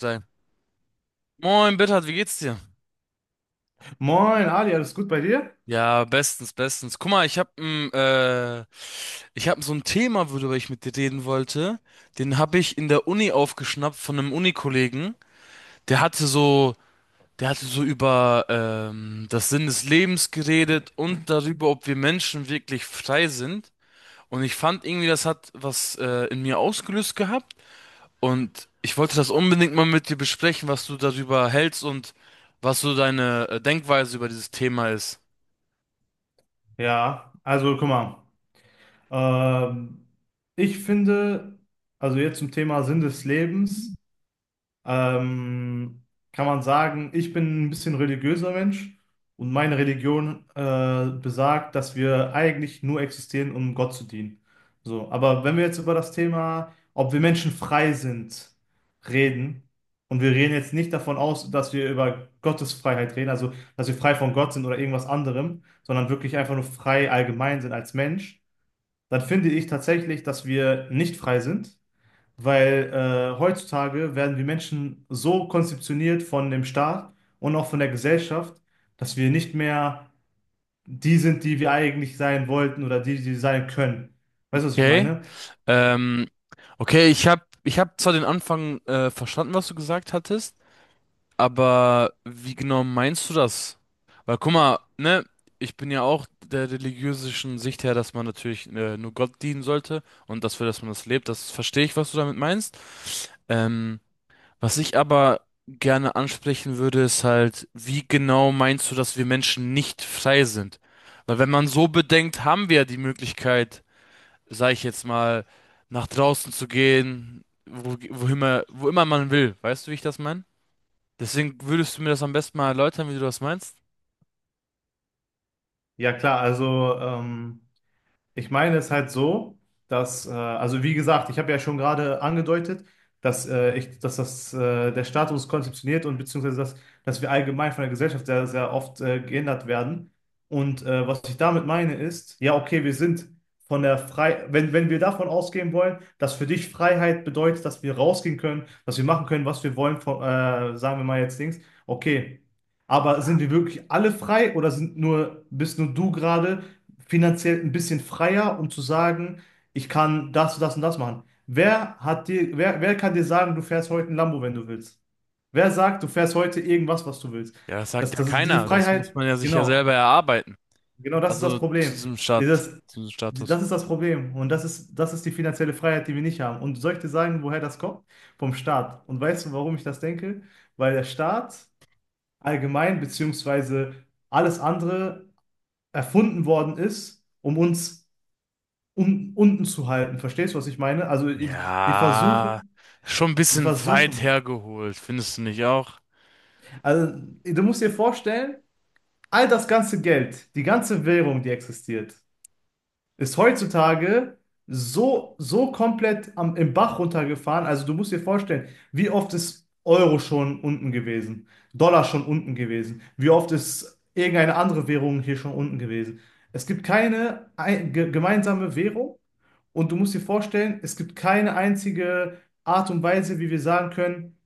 Sein. Moin, Bittert, wie geht's dir? Moin, Adi, alles gut bei dir? Ja, bestens, bestens. Guck mal, ich hab ich hab so ein Thema, worüber ich mit dir reden wollte. Den hab ich in der Uni aufgeschnappt von einem Unikollegen. Der hatte so, der hatte so über das Sinn des Lebens geredet und darüber, ob wir Menschen wirklich frei sind. Und ich fand irgendwie, das hat was in mir ausgelöst gehabt. Und ich wollte das unbedingt mal mit dir besprechen, was du darüber hältst und was so deine Denkweise über dieses Thema ist. Ja, also guck mal. Ähm, ich finde, also jetzt zum Thema Sinn des Lebens. ähm, Kann man sagen, ich bin ein bisschen religiöser Mensch und meine Religion besagt, dass wir eigentlich nur existieren, um Gott zu dienen. So, aber wenn wir jetzt über das Thema, ob wir Menschen frei sind, reden, und wir reden jetzt nicht davon aus, dass wir über Gottes Freiheit reden, also dass wir frei von Gott sind oder irgendwas anderem, sondern wirklich einfach nur frei allgemein sind als Mensch, dann finde ich tatsächlich, dass wir nicht frei sind. Weil heutzutage werden wir Menschen so konzeptioniert von dem Staat und auch von der Gesellschaft, dass wir nicht mehr die sind, die wir eigentlich sein wollten oder die, die wir sein können. Weißt du, was ich Okay. meine? Ähm, okay, ich hab zwar den Anfang verstanden, was du gesagt hattest, aber wie genau meinst du das? Weil guck mal, ne, ich bin ja auch der religiösen Sicht her, dass man natürlich nur Gott dienen sollte und dafür, dass man das lebt, das verstehe ich, was du damit meinst. Ähm, was ich aber gerne ansprechen würde, ist halt, wie genau meinst du, dass wir Menschen nicht frei sind? Weil wenn man so bedenkt, haben wir ja die Möglichkeit, sag ich jetzt mal, nach draußen zu gehen, wo immer man will. Weißt du, wie ich das meine? Deswegen würdest du mir das am besten mal erläutern, wie du das meinst? Ja, klar, also ich meine es halt so, dass, also wie gesagt, ich habe ja schon gerade angedeutet, dass, dass das, der Status konzeptioniert und beziehungsweise dass wir allgemein von der Gesellschaft sehr, sehr oft geändert werden. Und was ich damit meine ist, ja, okay, wir sind von der Frei, wenn wir davon ausgehen wollen, dass für dich Freiheit bedeutet, dass wir rausgehen können, dass wir machen können, was wir wollen, von, sagen wir mal jetzt Dings, okay. Aber sind wir wirklich alle frei oder sind bist nur du gerade finanziell ein bisschen freier, um zu sagen, ich kann das, das und das machen. Wer hat wer kann dir sagen, du fährst heute ein Lambo, wenn du willst? Wer sagt, du fährst heute irgendwas, was du willst? Ja, das sagt Das, ja das ist diese keiner. Das muss Freiheit, man ja sich ja genau, selber erarbeiten. genau das ist Also das zu Problem. diesem Dieses, zu diesem Status. Das ist das Problem und das ist die finanzielle Freiheit, die wir nicht haben. Und soll ich dir sagen, woher das kommt? Vom Staat. Und weißt du, warum ich das denke? Weil der Staat allgemein, beziehungsweise alles andere erfunden worden ist, um uns un unten zu halten. Verstehst du, was ich meine? Also die Ja, versuchen, schon ein die bisschen weit versuchen. hergeholt, findest du nicht auch? Also du musst dir vorstellen, all das ganze Geld, die ganze Währung, die existiert, ist heutzutage so komplett im Bach runtergefahren. Also du musst dir vorstellen, wie oft ist Euro schon unten gewesen, Dollar schon unten gewesen, wie oft ist irgendeine andere Währung hier schon unten gewesen. Es gibt keine ein, ge gemeinsame Währung und du musst dir vorstellen, es gibt keine einzige Art und Weise, wie wir sagen können,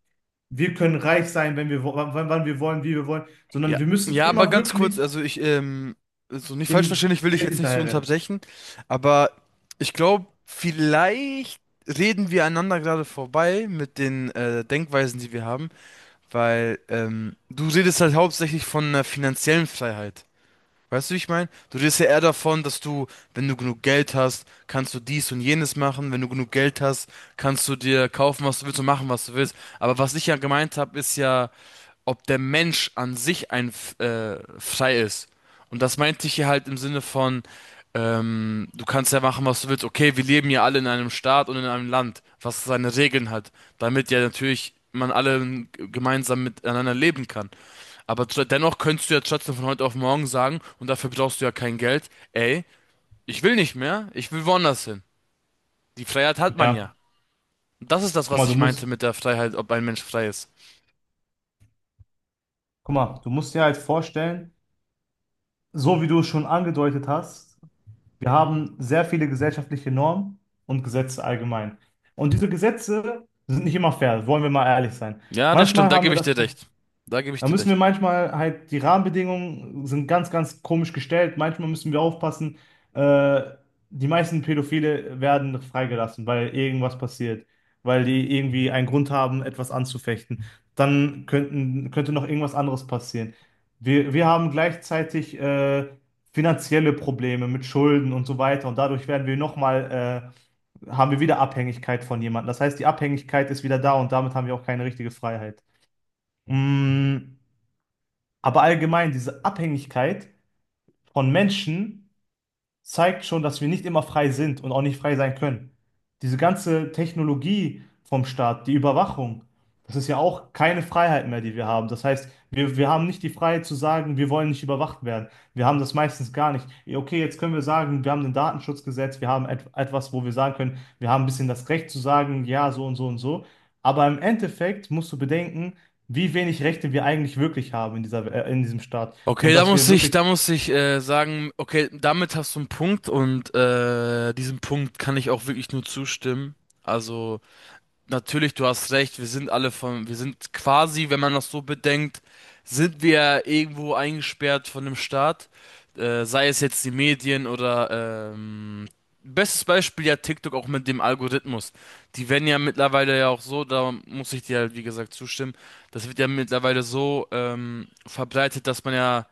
wir können reich sein, wenn wir, wo- wann, wann wir wollen, wie wir wollen, Ja, sondern wir müssen ja, aber immer ganz kurz, wirklich also so nicht falsch verstehen, dem ich will dich Geld jetzt nicht so hinterherrennen. unterbrechen, aber ich glaube, vielleicht reden wir einander gerade vorbei mit den Denkweisen, die wir haben, weil du redest halt hauptsächlich von einer finanziellen Freiheit. Weißt du, wie ich meine? Du redest ja eher davon, dass du, wenn du genug Geld hast, kannst du dies und jenes machen. Wenn du genug Geld hast, kannst du dir kaufen, was du willst und machen, was du willst. Aber was ich ja gemeint habe, ist ja, ob der Mensch an sich ein frei ist. Und das meinte ich hier halt im Sinne von, du kannst ja machen, was du willst. Okay, wir leben ja alle in einem Staat und in einem Land, was seine Regeln hat, damit ja natürlich man alle gemeinsam miteinander leben kann. Aber dennoch könntest du ja trotzdem von heute auf morgen sagen, und dafür brauchst du ja kein Geld, ey, ich will nicht mehr, ich will woanders hin. Die Freiheit hat man ja. Ja, Und das ist das, guck was mal, du ich meinte musst. mit der Freiheit, ob ein Mensch frei ist. Guck mal, du musst dir halt vorstellen, so wie du es schon angedeutet hast, wir haben sehr viele gesellschaftliche Normen und Gesetze allgemein. Und diese Gesetze sind nicht immer fair, wollen wir mal ehrlich sein. Ja, das Manchmal stimmt, da haben wir gebe ich das dir recht. Da gebe ich Da dir müssen recht. wir die Rahmenbedingungen sind ganz, ganz komisch gestellt. Manchmal müssen wir aufpassen. Äh, Die meisten Pädophile werden freigelassen, weil irgendwas passiert, weil die irgendwie einen Grund haben, etwas anzufechten. Könnte noch irgendwas anderes passieren. Wir haben gleichzeitig finanzielle Probleme mit Schulden und so weiter. Und dadurch werden wir haben wir wieder Abhängigkeit von jemandem. Das heißt, die Abhängigkeit ist wieder da und damit haben wir auch keine richtige Freiheit. Mm. Aber allgemein diese Abhängigkeit von Menschen zeigt schon, dass wir nicht immer frei sind und auch nicht frei sein können. Diese ganze Technologie vom Staat, die Überwachung, das ist ja auch keine Freiheit mehr, die wir haben. Das heißt, wir haben nicht die Freiheit zu sagen, wir wollen nicht überwacht werden. Wir haben das meistens gar nicht. Ja, okay, jetzt können wir sagen, wir haben ein Datenschutzgesetz, wir haben et etwas, wo wir sagen können, wir haben ein bisschen das Recht zu sagen, ja, so und so und so. Aber im Endeffekt musst du bedenken, wie wenig Rechte wir eigentlich wirklich haben in in diesem Staat. Okay, Und dass wir wirklich, da muss ich sagen, okay, damit hast du einen Punkt und diesem Punkt kann ich auch wirklich nur zustimmen. Also natürlich, du hast recht. Wir sind quasi, wenn man das so bedenkt, sind wir irgendwo eingesperrt von dem Staat. Sei es jetzt die Medien oder bestes Beispiel ja TikTok auch mit dem Algorithmus. Die werden ja mittlerweile ja auch so, da muss ich dir halt wie gesagt zustimmen, das wird ja mittlerweile so verbreitet, dass man ja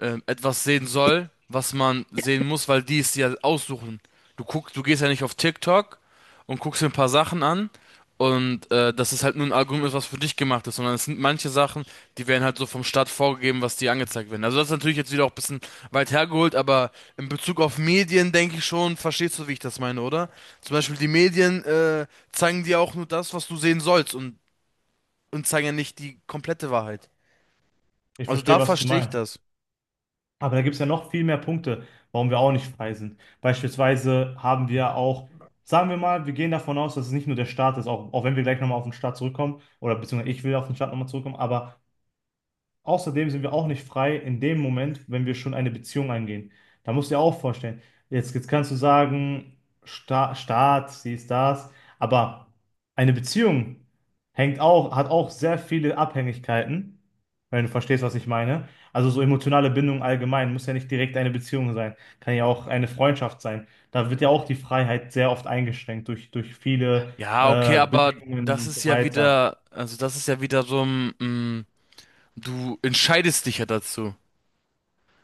etwas sehen soll, was man sehen muss, weil die es dir aussuchen. Du gehst ja nicht auf TikTok und guckst dir ein paar Sachen an und das ist halt nur ein Algorithmus, was für dich gemacht ist, sondern es sind manche Sachen, die werden halt so vom Staat vorgegeben, was dir angezeigt werden. Also das ist natürlich jetzt wieder auch ein bisschen weit hergeholt, aber in Bezug auf Medien denke ich schon, verstehst du, wie ich das meine, oder? Zum Beispiel die Medien zeigen dir auch nur das, was du sehen sollst und zeigen ja nicht die komplette Wahrheit. ich Also verstehe, da was du verstehe ich meinst. das. Aber da gibt es ja noch viel mehr Punkte, warum wir auch nicht frei sind. Beispielsweise haben wir auch, sagen wir mal, wir gehen davon aus, dass es nicht nur der Staat ist, auch wenn wir gleich nochmal auf den Staat zurückkommen, oder beziehungsweise ich will auf den Staat nochmal zurückkommen, aber außerdem sind wir auch nicht frei in dem Moment, wenn wir schon eine Beziehung eingehen. Da musst du dir auch vorstellen. Jetzt kannst du sagen, Staat, sie das, aber eine Beziehung hat auch sehr viele Abhängigkeiten, wenn du verstehst, was ich meine. Also so emotionale Bindung allgemein muss ja nicht direkt eine Beziehung sein, kann ja auch eine Freundschaft sein. Da wird ja auch die Freiheit sehr oft eingeschränkt durch viele Ja, okay, aber Bedingungen das und ist so ja weiter. wieder, also das ist ja wieder so ein, mm, du entscheidest dich ja dazu.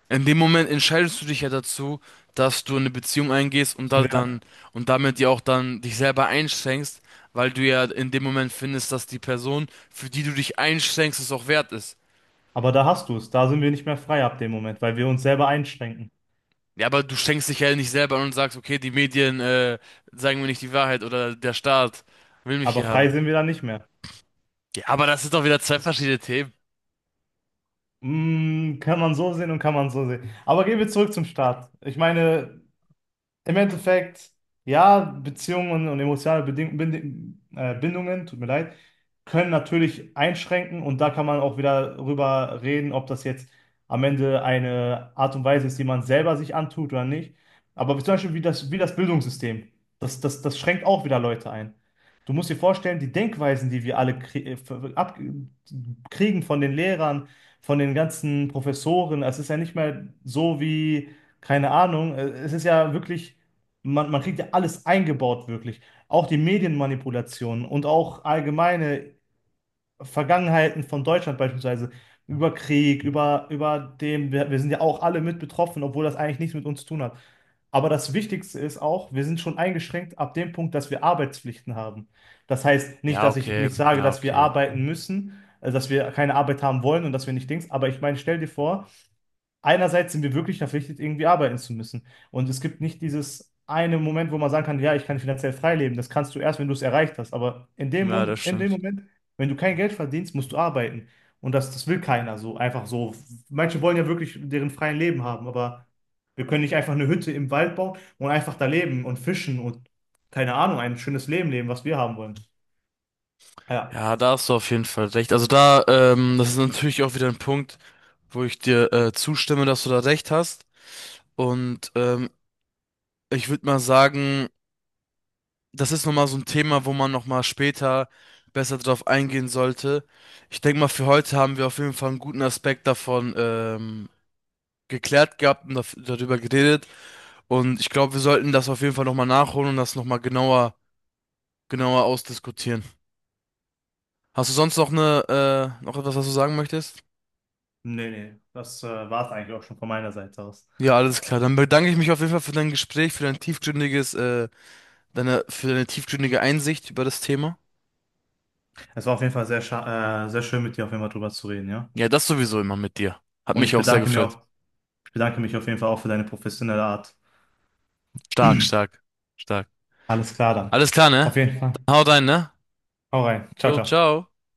In dem Moment entscheidest du dich ja dazu, dass du eine Beziehung eingehst und da dann und damit ja auch dann dich selber einschränkst, weil du ja in dem Moment findest, dass die Person, für die du dich einschränkst, es auch wert ist. Aber da hast du es. Da sind wir nicht mehr frei ab dem Moment, weil wir uns selber einschränken. Ja, aber du schenkst dich ja nicht selber an und sagst, okay, die Medien sagen mir nicht die Wahrheit oder der Staat will mich Aber hier haben. frei sind wir dann nicht mehr. Ja, aber das sind doch wieder zwei verschiedene Themen. Mm, kann man so sehen und kann man so sehen. Aber gehen wir zurück zum Start. Im Endeffekt, ja, Beziehungen und emotionale Beding Bind Bindungen, tut mir leid, können natürlich einschränken und da kann man auch wieder drüber reden, ob das jetzt am Ende eine Art und Weise ist, die man selber sich antut oder nicht. Aber zum Beispiel wie das Bildungssystem, das schränkt auch wieder Leute ein. Du musst dir vorstellen, die Denkweisen, die wir alle krie ver- ab kriegen von den Lehrern, von den ganzen Professoren, es ist ja nicht mehr so wie, keine Ahnung, es ist ja wirklich. Man kriegt ja alles eingebaut, wirklich. Auch die Medienmanipulationen und auch allgemeine Vergangenheiten von Deutschland beispielsweise über Krieg, über dem, wir sind ja auch alle mit betroffen, obwohl das eigentlich nichts mit uns zu tun hat. Aber das Wichtigste ist auch, wir sind schon eingeschränkt ab dem Punkt, dass wir Arbeitspflichten haben. Das heißt nicht, Ja, dass ich okay, nicht sage, ja, dass wir okay. arbeiten müssen, dass wir keine Arbeit haben wollen und dass wir nicht Dings, aber ich meine, stell dir vor, einerseits sind wir wirklich verpflichtet, irgendwie arbeiten zu müssen. Und es gibt nicht dieses eine Moment, wo man sagen kann, ja, ich kann finanziell frei leben. Das kannst du erst, wenn du es erreicht hast. Aber in Ja, das in dem stimmt. Moment, wenn du kein Geld verdienst, musst du arbeiten. Und das will keiner so, einfach so. Manche wollen ja wirklich deren freien Leben haben, aber wir können nicht einfach eine Hütte im Wald bauen und einfach da leben und fischen und keine Ahnung, ein schönes Leben leben, was wir haben wollen. Ja, Ja, da hast du auf jeden Fall recht. Also da, das ist natürlich auch wieder ein Punkt, wo ich dir zustimme, dass du da recht hast. Und ich würde mal sagen, das ist nochmal so ein Thema, wo man nochmal später besser drauf eingehen sollte. Ich denke mal, für heute haben wir auf jeden Fall einen guten Aspekt davon geklärt gehabt und darüber geredet. Und ich glaube, wir sollten das auf jeden Fall nochmal nachholen und das nochmal genauer ausdiskutieren. Hast du sonst noch eine, noch etwas, was du sagen möchtest? nee, nee, das war es eigentlich auch schon von meiner Seite aus. Ja, alles klar. Dann bedanke ich mich auf jeden Fall für dein Gespräch, für dein für deine tiefgründige Einsicht über das Thema. Es war auf jeden Fall sehr schön, mit dir auf jeden Fall drüber zu reden, ja. Ja, das sowieso immer mit dir. Hat Und mich auch sehr gefreut. Ich bedanke mich auf jeden Fall auch für deine professionelle Art. Stark, stark, stark. Alles klar dann. Alles klar, ne? Auf jeden Fall. Dann haut rein, ne? Hau rein. Ciao, Jo, ciao. ciao.